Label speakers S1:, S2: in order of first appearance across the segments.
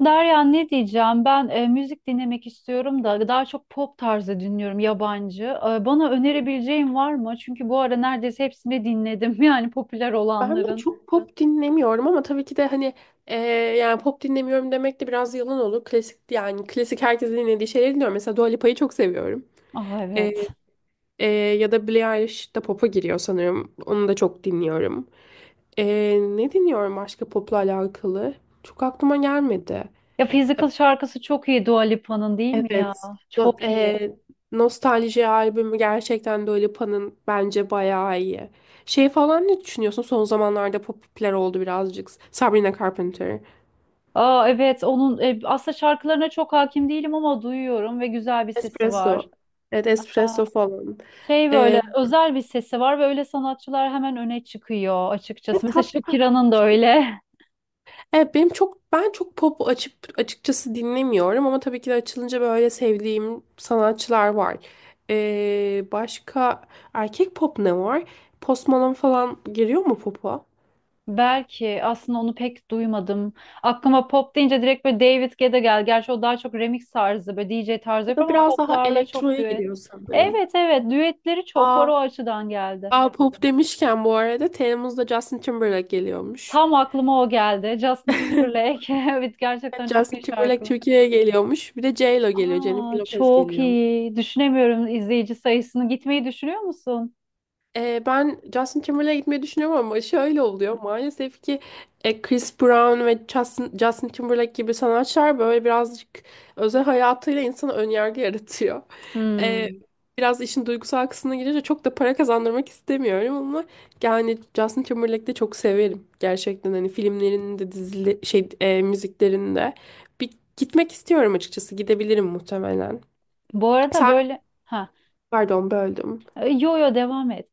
S1: Derya, ne diyeceğim? Ben müzik dinlemek istiyorum da daha çok pop tarzı dinliyorum yabancı. Bana önerebileceğin var mı? Çünkü bu ara neredeyse hepsini dinledim. Yani popüler
S2: Ben de
S1: olanların.
S2: çok pop dinlemiyorum ama tabii ki de hani e, yani pop dinlemiyorum demek de biraz yalan olur. Klasik yani klasik herkesin dinlediği şeyleri dinliyorum. Mesela Dua Lipa'yı çok seviyorum.
S1: Ah,
S2: E,
S1: evet.
S2: e, Ya da Billie Eilish de pop'a giriyor sanırım. Onu da çok dinliyorum. E, Ne dinliyorum başka pop'la alakalı? Çok aklıma gelmedi.
S1: Ya
S2: E,
S1: Physical şarkısı çok iyi Dua Lipa'nın, değil mi ya?
S2: evet. No-
S1: Çok iyi.
S2: e, Nostalji albümü gerçekten Dua Lipa'nın bence bayağı iyi. Şey falan ne düşünüyorsun? Son zamanlarda popüler oldu birazcık. Sabrina Carpenter.
S1: Aa, evet, onun aslında şarkılarına çok hakim değilim ama duyuyorum ve güzel bir sesi var.
S2: Espresso. Evet
S1: Aa,
S2: espresso falan.
S1: şey,
S2: Ee,
S1: böyle özel bir sesi var ve öyle sanatçılar hemen öne çıkıyor
S2: ve
S1: açıkçası. Mesela
S2: tat,
S1: Shakira'nın da öyle.
S2: evet ben çok pop açıp açıkçası dinlemiyorum ama tabii ki de açılınca böyle sevdiğim sanatçılar var. Başka erkek pop ne var? Post Malone falan giriyor mu pop'a?
S1: Belki, aslında onu pek duymadım. Aklıma pop deyince direkt böyle David Guetta gel. Gerçi o daha çok remix tarzı, böyle D J tarzı
S2: O da
S1: yapıyor ama
S2: biraz daha
S1: poplarla çok
S2: elektroya
S1: düet.
S2: giriyor sanırım.
S1: Evet, evet, düetleri çok var,
S2: Aa,
S1: o açıdan geldi.
S2: Aa, pop demişken bu arada Temmuz'da Justin Timberlake geliyormuş.
S1: Tam aklıma o geldi. Justin Timberlake. Evet,
S2: Evet,
S1: gerçekten çok
S2: Justin
S1: iyi
S2: Timberlake
S1: şarkı.
S2: Türkiye'ye geliyormuş. Bir de J.Lo geliyor. Jennifer
S1: Aa,
S2: Lopez
S1: çok
S2: geliyor.
S1: iyi. Düşünemiyorum izleyici sayısını. Gitmeyi düşünüyor musun?
S2: Ben Justin Timberlake'e gitmeyi düşünüyorum ama şöyle oluyor. Maalesef ki Chris Brown ve Justin Timberlake gibi sanatçılar böyle birazcık özel hayatıyla insana önyargı yaratıyor. Ee,
S1: Hmm.
S2: Biraz işin duygusal kısmına girince çok da para kazandırmak istemiyorum ama yani Justin Timberlake'i de çok severim. Gerçekten hani filmlerinin de dizili, müziklerinde. Bir gitmek istiyorum açıkçası. Gidebilirim muhtemelen.
S1: Bu arada
S2: Sen
S1: böyle ha,
S2: Pardon böldüm.
S1: yo yo, devam et.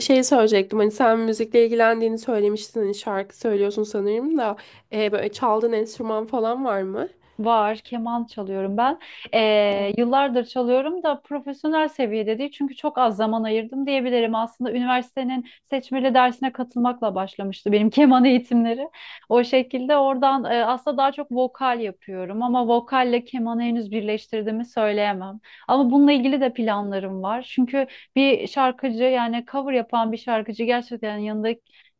S2: Şey söyleyecektim hani sen müzikle ilgilendiğini söylemiştin hani şarkı söylüyorsun sanırım da böyle çaldığın enstrüman falan var mı?
S1: Var, keman çalıyorum ben. Yıllardır çalıyorum da profesyonel seviyede değil çünkü çok az zaman ayırdım diyebilirim. Aslında üniversitenin seçmeli dersine katılmakla başlamıştı benim keman eğitimleri. O şekilde oradan aslında daha çok vokal yapıyorum ama vokalle kemanı henüz birleştirdiğimi söyleyemem. Ama bununla ilgili de planlarım var. Çünkü bir şarkıcı, yani cover yapan bir şarkıcı, gerçekten yanında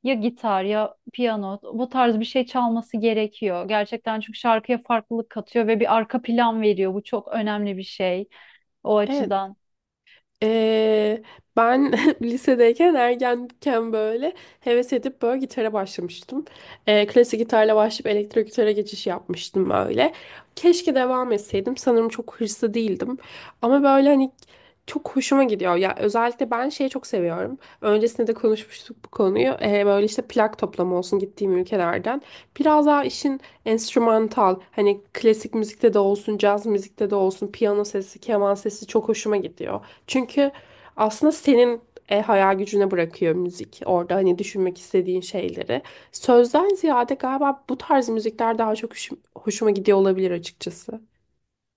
S1: ya gitar ya piyano, bu tarz bir şey çalması gerekiyor. Gerçekten, çünkü şarkıya farklılık katıyor ve bir arka plan veriyor. Bu çok önemli bir şey o
S2: Evet.
S1: açıdan.
S2: Ee, Ben lisedeyken ergenken böyle heves edip böyle gitara başlamıştım. Klasik gitarla başlayıp elektro gitara geçiş yapmıştım böyle. Keşke devam etseydim. Sanırım çok hırslı değildim. Ama böyle hani çok hoşuma gidiyor. Ya özellikle ben şeyi çok seviyorum. Öncesinde de konuşmuştuk bu konuyu. Böyle işte plak toplama olsun gittiğim ülkelerden. Biraz daha işin enstrümantal hani klasik müzikte de olsun, caz müzikte de olsun, piyano sesi, keman sesi çok hoşuma gidiyor. Çünkü aslında senin hayal gücüne bırakıyor müzik. Orada hani düşünmek istediğin şeyleri. Sözden ziyade galiba bu tarz müzikler daha çok hoşuma gidiyor olabilir açıkçası.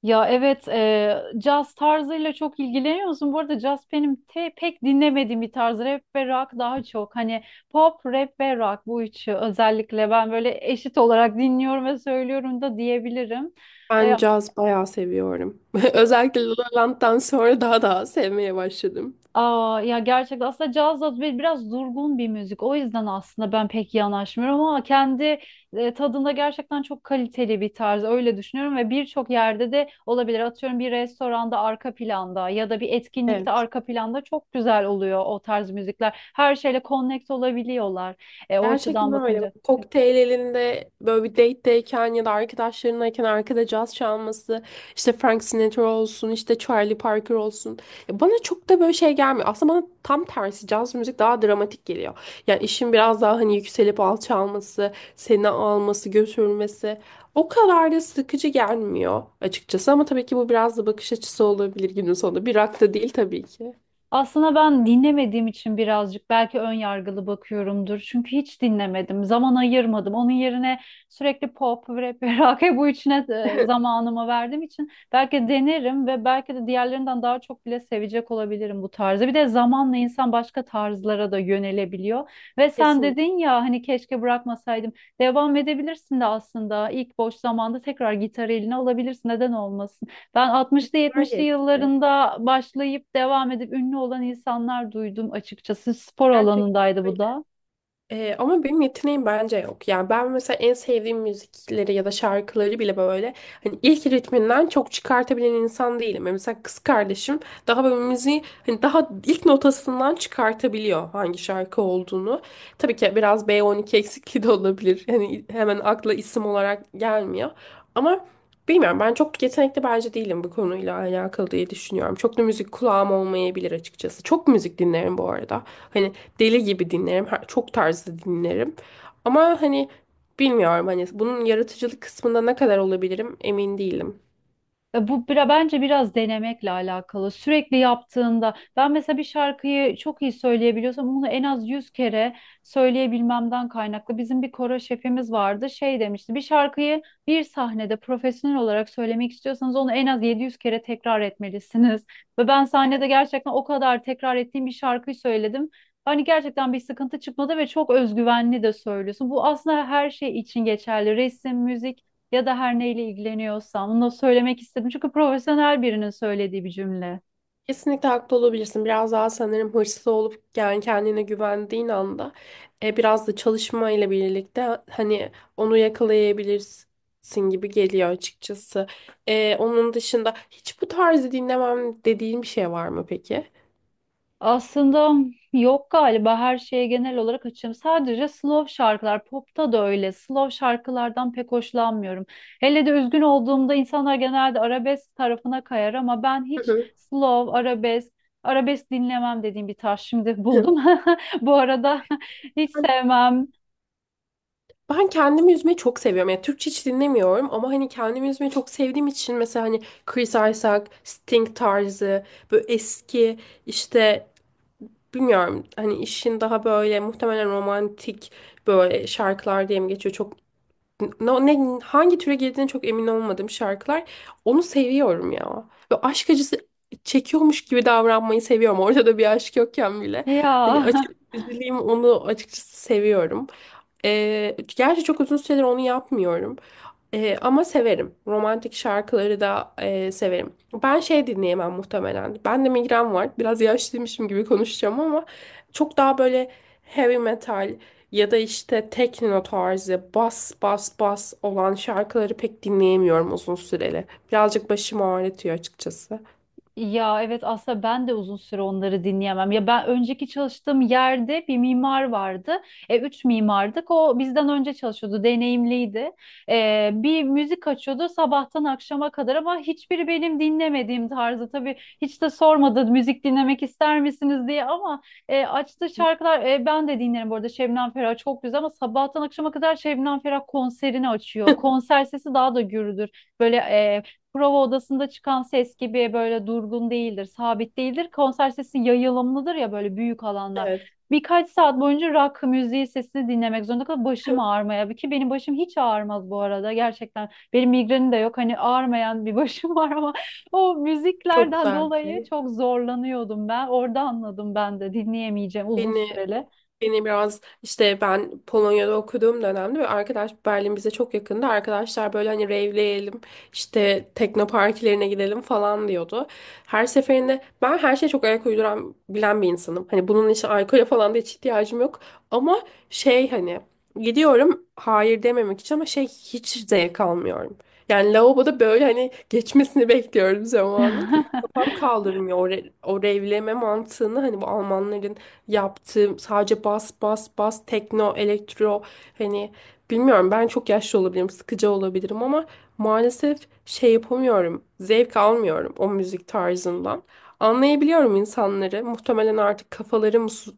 S1: Ya evet, caz tarzıyla çok ilgileniyor musun? Bu arada caz benim pek dinlemediğim bir tarz. Rap ve rock daha çok. Hani pop, rap ve rock, bu üçü özellikle ben böyle eşit olarak dinliyorum ve söylüyorum da diyebilirim. E,
S2: Ben caz bayağı seviyorum. Özellikle La La Land'dan sonra daha sevmeye başladım.
S1: Aa, ya gerçekten, aslında caz da biraz durgun bir müzik. O yüzden aslında ben pek yanaşmıyorum ama kendi tadında gerçekten çok kaliteli bir tarz. Öyle düşünüyorum ve birçok yerde de olabilir. Atıyorum, bir restoranda arka planda ya da bir etkinlikte
S2: Evet.
S1: arka planda çok güzel oluyor o tarz müzikler. Her şeyle connect olabiliyorlar. O açıdan
S2: Gerçekten öyle. Bak,
S1: bakınca.
S2: kokteyl elinde böyle bir date'deyken ya da arkadaşlarınlayken arkada caz çalması, işte Frank Sinatra olsun, işte Charlie Parker olsun. Ya bana çok da böyle şey gelmiyor. Aslında bana tam tersi caz müzik daha dramatik geliyor. Yani işin biraz daha hani yükselip alçalması, seni alması, götürmesi o kadar da sıkıcı gelmiyor açıkçası. Ama tabii ki bu biraz da bakış açısı olabilir günün sonunda. Bir rock da değil tabii ki.
S1: Aslında ben dinlemediğim için birazcık belki ön yargılı bakıyorumdur. Çünkü hiç dinlemedim, zaman ayırmadım. Onun yerine sürekli pop, rap ve rock bu üçüne zamanımı verdiğim için belki denerim ve belki de diğerlerinden daha çok bile sevecek olabilirim bu tarzı. Bir de zamanla insan başka tarzlara da yönelebiliyor. Ve sen
S2: Kesinlikle
S1: dedin ya, hani keşke bırakmasaydım. Devam edebilirsin de aslında, ilk boş zamanda tekrar gitar eline alabilirsin. Neden olmasın? Ben 60'lı 70'li
S2: geçti.
S1: yıllarında başlayıp devam edip ünlü olan insanlar duydum açıkçası. Spor
S2: Gerçekten
S1: alanındaydı bu
S2: öyle.
S1: da.
S2: Ama benim yeteneğim bence yok. Yani ben mesela en sevdiğim müzikleri ya da şarkıları bile böyle hani ilk ritminden çok çıkartabilen insan değilim. Yani mesela kız kardeşim daha böyle müziği hani daha ilk notasından çıkartabiliyor hangi şarkı olduğunu. Tabii ki biraz B12 eksikliği de olabilir. Yani hemen akla isim olarak gelmiyor. Ama bilmiyorum, ben çok yetenekli bence değilim bu konuyla alakalı diye düşünüyorum. Çok da müzik kulağım olmayabilir açıkçası. Çok müzik dinlerim bu arada. Hani deli gibi dinlerim. Çok tarzda dinlerim. Ama hani bilmiyorum hani bunun yaratıcılık kısmında ne kadar olabilirim emin değilim.
S1: Bu bence biraz denemekle alakalı. Sürekli yaptığında, ben mesela bir şarkıyı çok iyi söyleyebiliyorsam bunu en az 100 kere söyleyebilmemden kaynaklı. Bizim bir koro şefimiz vardı. Şey demişti: bir şarkıyı bir sahnede profesyonel olarak söylemek istiyorsanız onu en az 700 kere tekrar etmelisiniz. Ve ben sahnede gerçekten o kadar tekrar ettiğim bir şarkıyı söyledim. Hani gerçekten bir sıkıntı çıkmadı ve çok özgüvenli de söylüyorsun. Bu aslında her şey için geçerli. Resim, müzik ya da her neyle ilgileniyorsam, bunu da söylemek istedim. Çünkü profesyonel birinin söylediği bir cümle.
S2: Kesinlikle haklı olabilirsin. Biraz daha sanırım hırslı olup yani kendine güvendiğin anda biraz da çalışma ile birlikte hani onu yakalayabilirsin gibi geliyor açıkçası. Onun dışında hiç bu tarzı dinlemem dediğin bir şey var mı peki?
S1: Aslında yok galiba, her şeye genel olarak açığım. Sadece slow şarkılar, popta da öyle. Slow şarkılardan pek hoşlanmıyorum. Hele de üzgün olduğumda insanlar genelde arabesk tarafına kayar ama ben hiç
S2: Hı
S1: slow, arabesk dinlemem dediğim bir tarz şimdi
S2: hı.
S1: buldum. Bu arada hiç sevmem.
S2: Ben kendimi üzmeyi çok seviyorum. Yani Türkçe hiç dinlemiyorum ama hani kendimi üzmeyi çok sevdiğim için mesela hani Chris Isaak, Sting tarzı böyle eski işte bilmiyorum hani işin daha böyle muhtemelen romantik böyle şarkılar diye mi geçiyor çok ne, hangi türe girdiğine çok emin olmadığım şarkılar. Onu seviyorum ya. Ve aşk acısı çekiyormuş gibi davranmayı seviyorum. Ortada bir aşk yokken bile.
S1: Ya
S2: Hani açık üzüleyim onu açıkçası seviyorum. Gerçi çok uzun süredir onu yapmıyorum. Ama severim. Romantik şarkıları da severim. Ben şey dinleyemem muhtemelen. Ben de migren var. Biraz yaşlıymışım gibi konuşacağım ama çok daha böyle heavy metal, ya da işte tekno tarzı bas bas bas olan şarkıları pek dinleyemiyorum uzun süreli. Birazcık başımı ağrıtıyor açıkçası.
S1: ya evet, aslında ben de uzun süre onları dinleyemem. Ya ben önceki çalıştığım yerde bir mimar vardı. Üç mimardık. O bizden önce çalışıyordu, deneyimliydi. Bir müzik açıyordu sabahtan akşama kadar ama hiçbiri benim dinlemediğim tarzı. Tabii hiç de sormadı müzik dinlemek ister misiniz diye ama açtığı şarkılar, ben de dinlerim bu arada. Şebnem Ferah çok güzel ama sabahtan akşama kadar Şebnem Ferah konserini açıyor. Konser sesi daha da gürüdür. Böyle prova odasında çıkan ses gibi böyle durgun değildir, sabit değildir. Konser sesi yayılımlıdır ya, böyle büyük
S2: Evet.
S1: alanlar. Birkaç saat boyunca rock müziği sesini dinlemek zorunda kalıp başım ağrımaya. Ki benim başım hiç ağrımaz bu arada, gerçekten. Benim migrenim de yok, hani ağrımayan bir başım var ama o
S2: Çok
S1: müziklerden
S2: güzel bir
S1: dolayı
S2: şey.
S1: çok zorlanıyordum ben. Orada anladım, ben de dinleyemeyeceğim uzun
S2: Beni
S1: süreli.
S2: Beni biraz işte ben Polonya'da okuduğum dönemde ve arkadaş Berlin bize çok yakındı. Arkadaşlar böyle hani rave'leyelim işte tekno partilerine gidelim falan diyordu. Her seferinde ben her şeye çok ayak uyduran bilen bir insanım. Hani bunun için alkole falan da hiç ihtiyacım yok. Ama şey hani gidiyorum hayır dememek için ama şey hiç zevk almıyorum. Yani lavaboda böyle hani geçmesini bekliyorum zamanın. Kafam kaldırmıyor o rave'leme mantığını hani bu Almanların yaptığım sadece bas bas bas tekno, elektro hani bilmiyorum ben çok yaşlı olabilirim, sıkıcı olabilirim ama maalesef şey yapamıyorum. Zevk almıyorum o müzik tarzından. Anlayabiliyorum insanları. Muhtemelen artık kafaları mı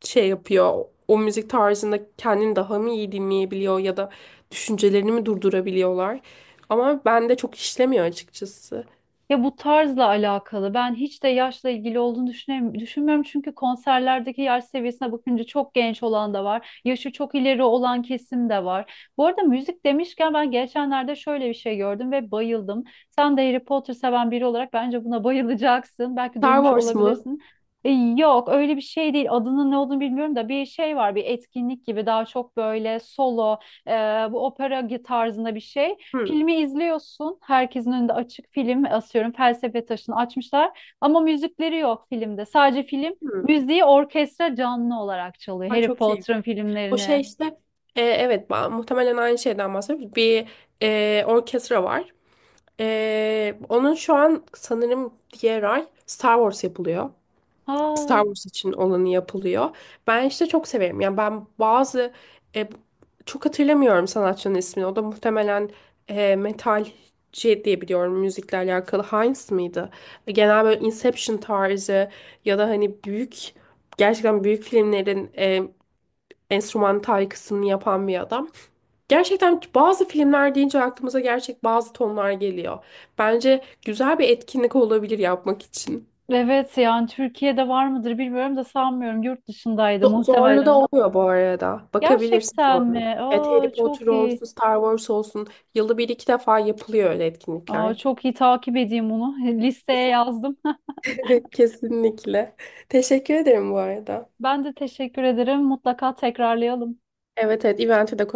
S2: şey yapıyor. O müzik tarzında kendini daha mı iyi dinleyebiliyor ya da düşüncelerini mi durdurabiliyorlar? Ama bende çok işlemiyor açıkçası.
S1: Ya bu tarzla alakalı. Ben hiç de yaşla ilgili olduğunu düşünmüyorum. Çünkü konserlerdeki yaş seviyesine bakınca çok genç olan da var. Yaşı çok ileri olan kesim de var. Bu arada müzik demişken, ben geçenlerde şöyle bir şey gördüm ve bayıldım. Sen de Harry Potter seven biri olarak bence buna bayılacaksın. Belki
S2: Star
S1: duymuş
S2: Wars mu?
S1: olabilirsin. Yok, öyle bir şey değil, adının ne olduğunu bilmiyorum da bir şey var, bir etkinlik gibi, daha çok böyle solo e, bu opera tarzında bir şey.
S2: Hı,
S1: Filmi izliyorsun. Herkesin önünde açık film asıyorum. Felsefe Taşı'nı açmışlar. Ama müzikleri yok filmde. Sadece film
S2: hı.
S1: müziği orkestra canlı olarak çalıyor.
S2: Aa,
S1: Harry
S2: çok iyi.
S1: Potter'ın
S2: O şey
S1: filmlerini.
S2: işte evet muhtemelen aynı şeyden bahsediyoruz. Bir orkestra var. Onun şu an sanırım diğer ay Star Wars yapılıyor.
S1: Ha,
S2: Star Wars için olanı yapılıyor. Ben işte çok severim. Yani ben bazı e, çok hatırlamıyorum sanatçının ismini. O da muhtemelen metalci diye biliyorum müzikle alakalı. Heinz mıydı? Genel böyle Inception tarzı ya da hani gerçekten büyük filmlerin enstrümantal kısmını yapan bir adam. Gerçekten bazı filmler deyince aklımıza gerçek bazı tonlar geliyor. Bence güzel bir etkinlik olabilir yapmak için.
S1: evet, yani Türkiye'de var mıdır bilmiyorum da sanmıyorum. Yurt dışındaydı
S2: Zorlu
S1: muhtemelen
S2: da
S1: o.
S2: oluyor bu arada. Bakabilirsin
S1: Gerçekten
S2: Zorlu.
S1: mi?
S2: Evet
S1: Aa,
S2: Harry Potter
S1: çok iyi.
S2: olsun, Star Wars olsun. Yılda bir iki defa yapılıyor öyle
S1: Aa,
S2: etkinlikler.
S1: çok iyi, takip edeyim bunu. Listeye yazdım.
S2: Kesinlikle. Kesinlikle. Teşekkür ederim bu arada.
S1: Ben de teşekkür ederim. Mutlaka tekrarlayalım.
S2: Evet evet eventi de